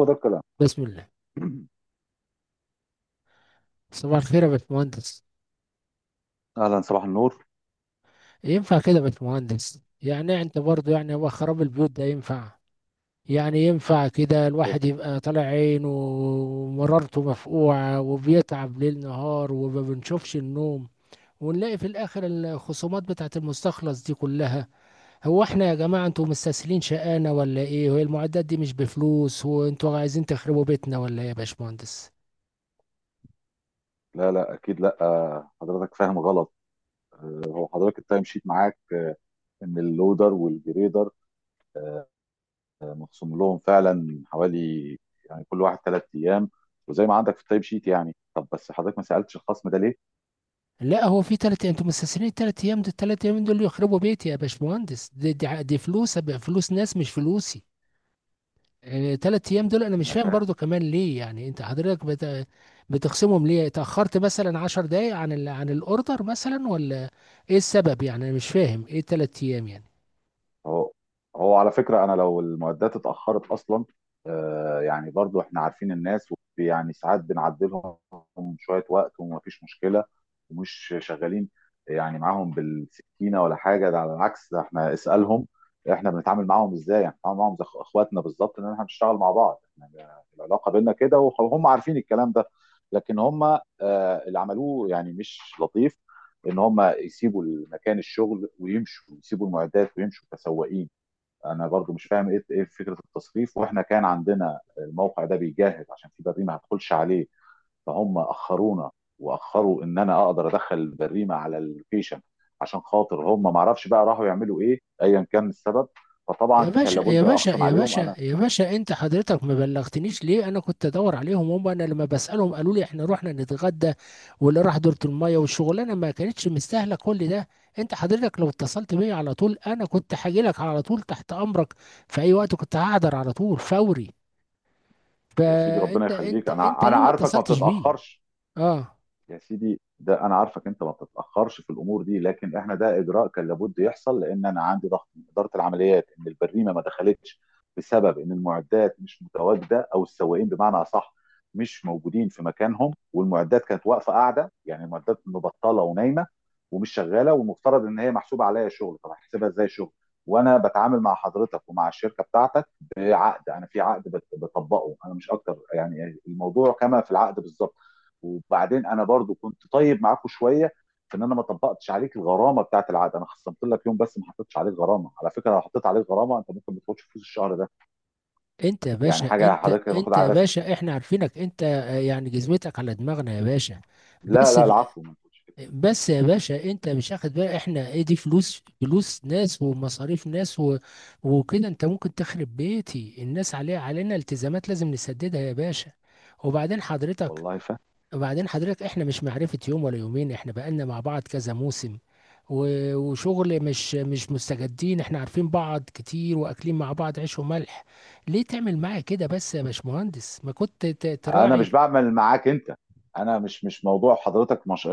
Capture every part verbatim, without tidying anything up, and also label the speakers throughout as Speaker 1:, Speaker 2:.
Speaker 1: هو ده الكلام.
Speaker 2: بسم الله. صباح الخير يا باشمهندس.
Speaker 1: اهلا، صباح النور.
Speaker 2: ينفع كده يا باشمهندس؟ يعني انت برضه يعني هو خراب البيوت ده ينفع؟ يعني ينفع كده
Speaker 1: إيه؟
Speaker 2: الواحد يبقى طالع عينه ومرارته مفقوعة وبيتعب ليل نهار وما بنشوفش النوم، ونلاقي في الاخر الخصومات بتاعت المستخلص دي كلها؟ هو احنا يا جماعة انتوا مستسهلين شقانا ولا ايه؟ وهي المعدات دي مش بفلوس، وانتوا عايزين تخربوا بيتنا ولا ايه يا باشمهندس؟
Speaker 1: لا لا اكيد لا، آه، حضرتك فاهم غلط. هو حضرتك التايم شيت معاك؟ ان اللودر والجريدر آه، مخصوم لهم فعلا حوالي، يعني كل واحد ثلاث ايام، وزي ما عندك في التايم شيت. يعني طب بس حضرتك ما سالتش الخصم ده ليه؟
Speaker 2: لا هو في تلات، انتوا مستثمرين التلات ايام دول، التلات ايام دول يخربوا بيتي يا باشمهندس. دي, دي, ع- دي فلوس أب- فلوس ناس مش فلوسي. آه، تلات ايام دول انا مش
Speaker 1: انا
Speaker 2: فاهم
Speaker 1: فاهم.
Speaker 2: برضو كمان ليه، يعني انت حضرتك بت... بتخصمهم ليه؟ اتأخرت مثلا عشر دقايق عن ال... عن الاوردر مثلا، ولا ايه السبب؟ يعني انا مش فاهم ايه التلات ايام يعني.
Speaker 1: هو هو على فكرة أنا لو المعدات اتأخرت أصلا، آه، يعني برضو إحنا عارفين الناس، يعني ساعات بنعدلهم شوية وقت ومفيش مشكلة ومش شغالين، يعني معاهم بالسكينة ولا حاجة. ده على العكس، ده إحنا اسألهم إحنا بنتعامل معاهم إزاي. يعني بنتعامل معاهم زي إخواتنا بالظبط، إن إحنا بنشتغل مع بعض، إحنا العلاقة بينا كده وهم عارفين الكلام ده. لكن هم آه، اللي عملوه يعني مش لطيف، ان هم يسيبوا مكان الشغل ويمشوا، يسيبوا المعدات ويمشوا كسواقين. انا برضو مش فاهم ايه ايه فكره التصريف، واحنا كان عندنا الموقع ده بيجهز عشان في بريمه ما هتدخلش عليه، فهم اخرونا واخروا ان انا اقدر ادخل البريمه على اللوكيشن. عشان خاطر هم ما اعرفش بقى راحوا يعملوا ايه، ايا كان السبب فطبعا
Speaker 2: يا
Speaker 1: كان
Speaker 2: باشا يا
Speaker 1: لابد
Speaker 2: باشا
Speaker 1: اخصم
Speaker 2: يا
Speaker 1: عليهم
Speaker 2: باشا
Speaker 1: انا.
Speaker 2: يا باشا، انت حضرتك ما بلغتنيش ليه؟ انا كنت ادور عليهم هم، انا لما بسالهم قالوا لي احنا رحنا نتغدى واللي راح دورة الميه، والشغلانه ما كانتش مستاهله كل ده. انت حضرتك لو اتصلت بيا على طول انا كنت هاجي لك على طول تحت امرك في اي وقت، كنت هحضر على طول فوري.
Speaker 1: يا سيدي ربنا
Speaker 2: فانت
Speaker 1: يخليك،
Speaker 2: انت انت
Speaker 1: انا انا
Speaker 2: ليه ما
Speaker 1: عارفك ما
Speaker 2: اتصلتش بيه؟
Speaker 1: بتتاخرش.
Speaker 2: اه.
Speaker 1: يا سيدي ده انا عارفك انت ما بتتاخرش في الامور دي، لكن احنا ده اجراء كان لابد يحصل، لان انا عندي ضغط من اداره العمليات ان البريمه ما دخلتش بسبب ان المعدات مش متواجده، او السواقين بمعنى اصح مش موجودين في مكانهم، والمعدات كانت واقفه قاعده، يعني المعدات مبطله ونايمه ومش شغاله، والمفترض ان هي محسوبه عليا شغل. طب هحسبها ازاي شغل وانا بتعامل مع حضرتك ومع الشركه بتاعتك بعقد؟ انا في عقد بت- بطبقه، انا مش اكتر، يعني الموضوع كما في العقد بالظبط. وبعدين انا برضو كنت طيب معاكم شويه في ان انا ما طبقتش عليك الغرامه بتاعت العقد. انا خصمت لك يوم بس ما حطيتش عليك غرامه. على فكره لو حطيت عليك غرامه انت ممكن ما تاخدش فلوس الشهر ده،
Speaker 2: انت يا
Speaker 1: يعني
Speaker 2: باشا
Speaker 1: حاجه
Speaker 2: انت
Speaker 1: حضرتك المفروض
Speaker 2: انت يا
Speaker 1: عارفها.
Speaker 2: باشا احنا عارفينك انت، آه، يعني جزمتك على دماغنا يا باشا.
Speaker 1: لا
Speaker 2: بس
Speaker 1: لا العفو، ما تقولش كده.
Speaker 2: بس يا باشا، انت مش واخد بقى احنا ايه؟ دي فلوس، فلوس ناس ومصاريف ناس و... وكده. انت ممكن تخرب بيتي، الناس عليها علينا التزامات لازم نسددها يا باشا. وبعدين حضرتك
Speaker 1: والله
Speaker 2: وبعدين حضرتك احنا مش معرفة يوم ولا يومين، احنا بقالنا مع بعض كذا موسم و... وشغل مش مش مستجدين. احنا عارفين بعض كتير واكلين مع بعض عيش وملح. ليه تعمل معايا كده بس يا باشمهندس؟ ما كنت ت-
Speaker 1: انا
Speaker 2: تراعي
Speaker 1: مش بعمل معاك انت، انا مش، مش موضوع حضرتك مش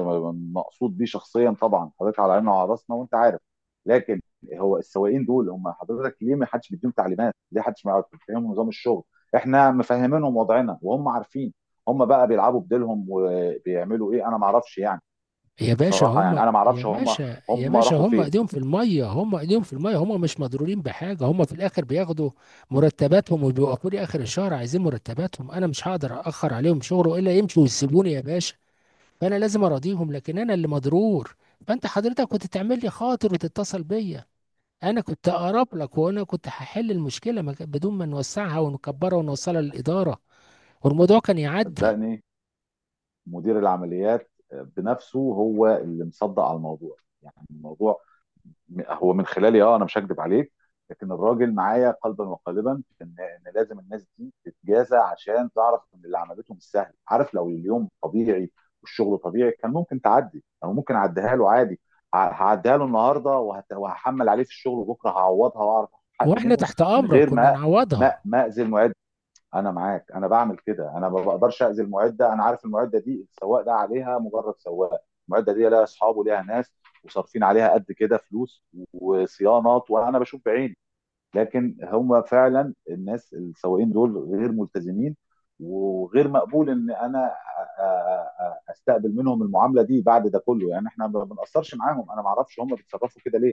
Speaker 1: مقصود بيه شخصيا. طبعا حضرتك على عيننا وعلى راسنا وانت عارف. لكن هو السواقين دول، هم حضرتك ليه ما حدش بيديهم تعليمات؟ ليه حدش ما يعرف- بيفهمهم نظام الشغل؟ احنا مفهمينهم وضعنا وهم عارفين. هم بقى بيلعبوا بديلهم وبيعملوا ايه انا ما اعرفش يعني.
Speaker 2: يا باشا
Speaker 1: بصراحه
Speaker 2: هم
Speaker 1: يعني انا ما
Speaker 2: يا
Speaker 1: اعرفش، هم
Speaker 2: باشا يا
Speaker 1: هم
Speaker 2: باشا
Speaker 1: راحوا
Speaker 2: هم
Speaker 1: فين.
Speaker 2: ايديهم في الميه، هم ايديهم في الميه. هم مش مضرورين بحاجه، هم في الاخر بياخدوا مرتباتهم وبيوقفوا لي اخر الشهر عايزين مرتباتهم. انا مش هقدر اخر عليهم شغله الا يمشوا ويسيبوني يا باشا، فانا لازم اراضيهم. لكن انا اللي مضرور. فانت حضرتك كنت تعمل لي خاطر وتتصل بيا، انا كنت اقرب لك وانا كنت هحل المشكله ما كان- بدون ما نوسعها ونكبرها ونوصلها للاداره، والموضوع كان يعدي.
Speaker 1: صدقني مدير العمليات بنفسه هو اللي مصدق على الموضوع. يعني الموضوع هو من خلالي، اه انا مش هكذب عليك، لكن الراجل معايا قلبا وقالبا في ان ان لازم الناس دي تتجازى عشان تعرف ان اللي عملته مش سهل. عارف لو اليوم طبيعي والشغل طبيعي كان ممكن تعدي، او ممكن اعديها له عادي. ه- هعديها له النهارده، وهت- وهحمل عليه في الشغل وبكره هعوضها واعرف اخد حقي
Speaker 2: واحنا
Speaker 1: منه
Speaker 2: تحت
Speaker 1: من
Speaker 2: امرك
Speaker 1: غير
Speaker 2: كنا
Speaker 1: ما ما
Speaker 2: نعوضها.
Speaker 1: ما اذي المعد. انا معاك، انا بعمل كده. انا ما بقدرش اذي المعده، انا عارف المعده دي السواق ده عليها مجرد سواق. المعده دي لها اصحاب وليها ناس وصارفين عليها قد كده فلوس وصيانات وانا بشوف بعيني. لكن هم فعلا الناس السواقين دول غير ملتزمين، وغير مقبول ان انا أ- أ- استقبل منهم المعامله دي بعد ده كله. يعني احنا ما بنقصرش معاهم، انا ما اعرفش هم بيتصرفوا كده ليه.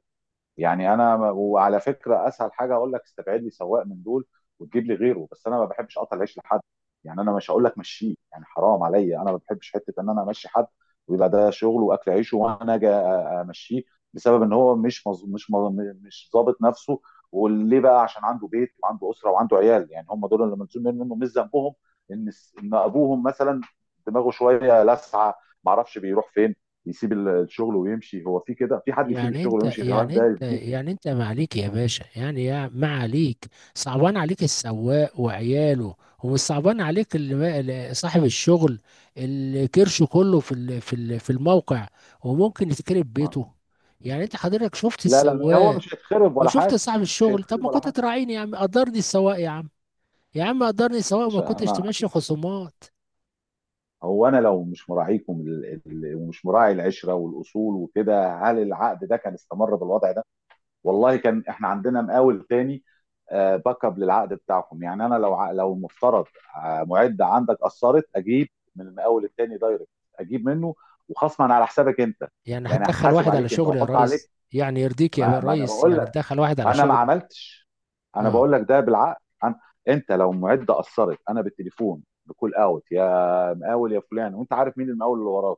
Speaker 1: يعني انا م- وعلى فكره اسهل حاجه اقول لك استبعد لي سواق من دول وتجيب لي غيره، بس انا ما بحبش اقطع العيش لحد. يعني انا مش هقول لك مشيه، يعني حرام عليا. انا ما بحبش حته ان انا امشي حد ويبقى ده شغله واكل عيشه وانا اجي أ- أ- امشيه، بسبب ان هو مش مز... مش مز... مش ظابط نفسه. وليه بقى؟ عشان عنده بيت وعنده اسره وعنده عيال، يعني هم دول اللي ملزوم منه، مش ذنبهم ان الس- ان ابوهم مثلا دماغه شويه لسعه، ما اعرفش بيروح فين، يسيب ال- الشغل ويمشي. هو في كده؟ في حد يسيب
Speaker 2: يعني
Speaker 1: الشغل
Speaker 2: انت
Speaker 1: ويمشي؟ الهواف
Speaker 2: يعني
Speaker 1: ده
Speaker 2: انت
Speaker 1: يفديك.
Speaker 2: يعني انت ما عليك يا باشا، يعني يا ما عليك. صعبان عليك السواق وعياله، ومش صعبان عليك اللي ما- اللي صاحب الشغل، اللي كرشه كله في ال- في ال- في الموقع وممكن يتكرب
Speaker 1: ما-
Speaker 2: بيته. يعني انت حضرتك شفت
Speaker 1: لا لا، ما هو
Speaker 2: السواق
Speaker 1: مش هيتخرب ولا
Speaker 2: وشفت
Speaker 1: حاجه،
Speaker 2: صاحب
Speaker 1: مش
Speaker 2: الشغل. طب
Speaker 1: هيتخرب
Speaker 2: ما
Speaker 1: ولا
Speaker 2: كنت
Speaker 1: حاجه.
Speaker 2: تراعيني يا عم؟ قدرني السواق يا عم، يا عم قدرني
Speaker 1: يا
Speaker 2: السواق وما
Speaker 1: باشا
Speaker 2: كنتش
Speaker 1: انا،
Speaker 2: تمشي خصومات.
Speaker 1: هو انا لو مش مراعيكم ال- ال- ومش مراعي العشره والاصول وكده، هل العقد ده كان استمر بالوضع ده؟ والله كان احنا عندنا مقاول تاني، آه، باك اب للعقد بتاعكم. يعني انا لو ع- لو مفترض آه، معده عندك قصرت اجيب من المقاول التاني دايركت، اجيب منه وخصما على حسابك انت.
Speaker 2: يعني
Speaker 1: يعني
Speaker 2: هتدخل
Speaker 1: احاسب
Speaker 2: واحد على
Speaker 1: عليك انت
Speaker 2: شغلي يا
Speaker 1: واحط عليك،
Speaker 2: ريس؟ يعني يرضيك يا
Speaker 1: ما, ما انا
Speaker 2: ريس
Speaker 1: بقول،
Speaker 2: يعني تدخل واحد
Speaker 1: ما
Speaker 2: على
Speaker 1: انا ما
Speaker 2: شغلي؟
Speaker 1: عملتش، انا
Speaker 2: اه.
Speaker 1: بقول لك ده بالعقل أنا. انت لو معده قصرت انا بالتليفون بكول اوت، يا مقاول يا فلان وانت عارف مين المقاول اللي وراك.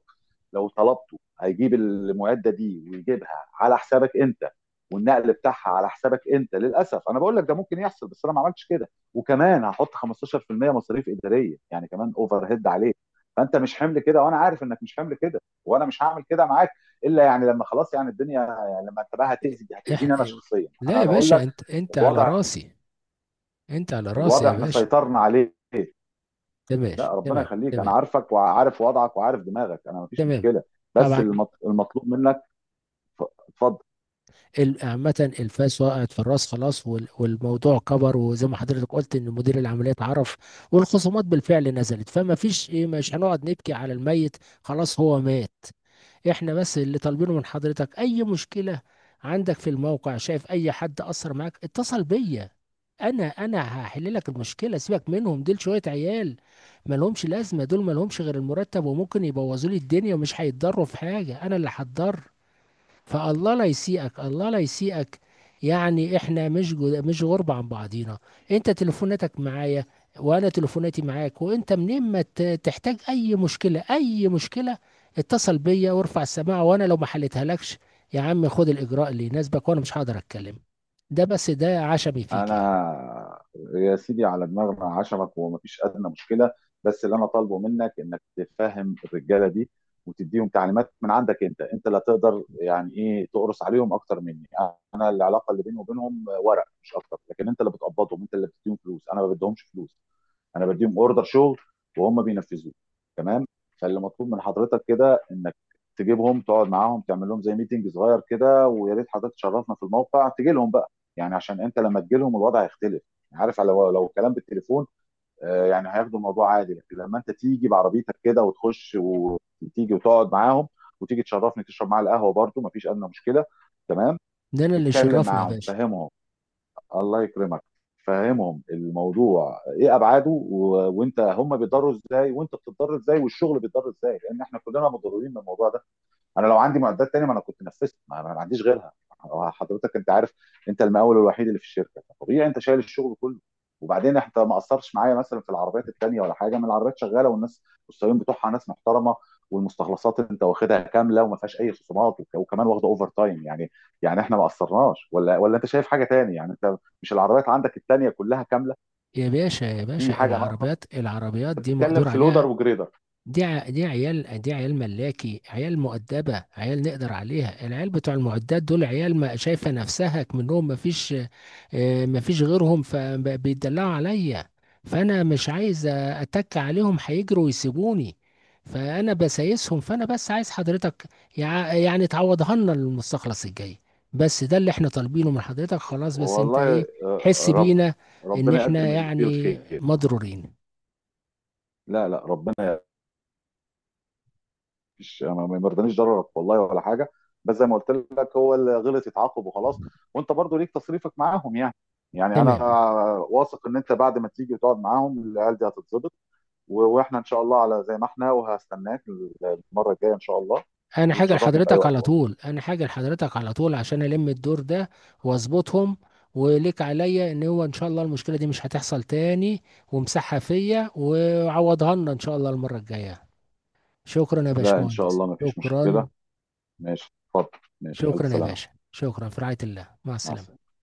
Speaker 1: لو طلبته هيجيب المعده دي ويجيبها على حسابك انت، والنقل بتاعها على حسابك انت للاسف. انا بقول لك ده ممكن يحصل، بس انا ما عملتش كده، وكمان هحط خمسة عشر في المئة مصاريف اداريه، يعني كمان اوفر هيد عليك. فانت مش حمل كده وانا عارف انك مش حمل كده، وانا مش هعمل كده معاك الا يعني لما خلاص يعني الدنيا، لما انت بقى هتاذي،
Speaker 2: إح...
Speaker 1: هتاذيني انا شخصيا،
Speaker 2: لا
Speaker 1: انا
Speaker 2: يا
Speaker 1: بقول
Speaker 2: باشا،
Speaker 1: لك
Speaker 2: انت انت على
Speaker 1: الوضع،
Speaker 2: راسي، انت على راسي
Speaker 1: الوضع
Speaker 2: يا
Speaker 1: احنا
Speaker 2: باشا.
Speaker 1: سيطرنا عليه.
Speaker 2: تمام.
Speaker 1: لا ربنا
Speaker 2: تمام
Speaker 1: يخليك، انا
Speaker 2: تمام.
Speaker 1: عارفك وعارف وضعك وعارف دماغك، انا مفيش
Speaker 2: تمام.
Speaker 1: مشكله. بس
Speaker 2: طبعا.
Speaker 1: المط- المطلوب منك ف- اتفضل.
Speaker 2: ال- عامة الفاس وقعت في الراس خلاص، وال- والموضوع كبر، وزي ما حضرتك قلت ان مدير العمليات عرف والخصومات بالفعل نزلت، فما فيش ايه، مش هنقعد نبكي على الميت، خلاص هو مات. احنا بس اللي طالبينه من حضرتك، اي مشكلة عندك في الموقع، شايف اي حد اثر معاك، اتصل بيا. انا انا هحل لك المشكله، سيبك منهم دول شويه عيال مالهمش لازمه، دول مالهمش غير المرتب، وممكن يبوظوا لي الدنيا ومش هيتضروا في حاجه، انا اللي هتضر. فالله لا يسيئك، الله لا يسيئك. يعني احنا مش جو، مش غربة عن بعضينا. انت تليفوناتك معايا وانا تليفوناتي معاك، وانت منين ما ت- تحتاج اي مشكلة، اي مشكلة، اتصل بيا وارفع السماعة. وانا لو ما حلتها لكش يا عم، خد الاجراء اللي يناسبك وانا مش هقدر اتكلم. ده بس ده عشمي فيك يعني.
Speaker 1: انا يا سيدي على دماغنا، عشمك ومفيش ادنى مشكله. بس اللي انا طالبه منك انك تفهم الرجاله دي وتديهم تعليمات من عندك انت. انت لا تقدر يعني ايه تقرص عليهم اكتر مني. انا العلاقه اللي بيني وبينهم ورق مش اكتر، لكن انت اللي بتقبضهم، انت اللي بتديهم فلوس. انا ما بديهمش فلوس، انا بديهم اوردر شغل وهم بينفذوه، تمام. فاللي مطلوب من حضرتك كده انك تجيبهم تقعد معاهم تعمل لهم زي ميتنج صغير كده. ويا ريت حضرتك تشرفنا في الموقع، تجي لهم بقى. يعني عشان انت لما تجي لهم الوضع هيختلف. يعني عارف، لو لو الكلام بالتليفون آه، يعني هياخدوا الموضوع عادي، لكن لما انت تيجي بعربيتك كده وتخش وتيجي وتقعد معاهم وتيجي تشرفني تشرب معايا القهوه برده مفيش ادنى مشكله، تمام.
Speaker 2: ده انا اللي
Speaker 1: تتكلم
Speaker 2: شرفنا يا
Speaker 1: معاهم
Speaker 2: باشا.
Speaker 1: تفهمهم، الله يكرمك. فهمهم الموضوع ايه ابعاده، و... وانت هم بيتضروا ازاي وانت بتتضر ازاي والشغل بيتضر ازاي، لان احنا كلنا متضررين من الموضوع ده. انا لو عندي معدات تانية ما انا كنت نفذت، ما انا ما عنديش غيرها. هو حضرتك انت عارف، انت المقاول الوحيد اللي في الشركه، فطبيعي انت شايل الشغل كله. وبعدين انت ما قصرتش معايا مثلا في العربيات التانية، ولا حاجه من العربيات شغاله والناس والسواقين بتوعها ناس محترمه، والمستخلصات انت واخدها كامله وما فيهاش اي خصومات، وك- وكمان واخده اوفر تايم يعني. يعني احنا ما قصرناش، ولا ولا انت شايف حاجه تاني؟ يعني انت مش العربيات عندك التانية كلها كامله؟
Speaker 2: يا باشا يا
Speaker 1: في
Speaker 2: باشا،
Speaker 1: حاجه ناقصه؟
Speaker 2: العربيات العربيات
Speaker 1: انت
Speaker 2: دي
Speaker 1: بتتكلم
Speaker 2: مقدور
Speaker 1: في لودر
Speaker 2: عليها.
Speaker 1: وجريدر.
Speaker 2: دي ع- دي عيال، دي عيال ملاكي، عيال مؤدبة، عيال نقدر عليها. العيال بتوع المعدات دول عيال ما شايفة نفسها، منهم ما فيش، آه، ما فيش غيرهم فبيدلعوا عليا. فأنا مش عايز أتك عليهم، هيجروا ويسيبوني، فأنا بسايسهم. فأنا بس عايز حضرتك يع- يعني تعوضها لنا المستخلص الجاي. بس ده اللي احنا طالبينه من حضرتك خلاص. بس انت ايه،
Speaker 1: والله، آه،
Speaker 2: حس
Speaker 1: رب
Speaker 2: بينا ان
Speaker 1: ربنا
Speaker 2: احنا
Speaker 1: يقدم اللي فيه
Speaker 2: يعني
Speaker 1: الخير.
Speaker 2: مضرورين.
Speaker 1: لا لا، ربنا مش، ما ما يرضانيش ضررك والله ولا حاجه. بس زي ما قلت لك هو اللي غلط يتعاقب وخلاص، وانت برضو ليك تصريفك معاهم يعني. يعني انا
Speaker 2: تمام.
Speaker 1: واثق ان انت بعد ما تيجي وتقعد معاهم العيال دي هتتظبط. و- واحنا ان شاء الله على زي ما احنا، وهستناك المره الجايه ان شاء الله.
Speaker 2: انا حاجة
Speaker 1: وتشرفني في اي
Speaker 2: لحضرتك
Speaker 1: وقت
Speaker 2: على
Speaker 1: والله.
Speaker 2: طول، انا حاجة لحضرتك على طول عشان الم الدور ده واظبطهم. وليك عليا ان هو ان شاء الله المشكلة دي مش هتحصل تاني، ومسحها فيا وعوضها لنا ان شاء الله المرة الجاية. شكرا يا
Speaker 1: لا ان شاء
Speaker 2: باشمهندس
Speaker 1: الله ما فيش مشكله،
Speaker 2: شكرا.
Speaker 1: ماشي اتفضل، ماشي الف
Speaker 2: شكرا يا باشا
Speaker 1: سلامه،
Speaker 2: شكرا، في رعاية الله، مع
Speaker 1: مع
Speaker 2: السلامة.
Speaker 1: السلامه.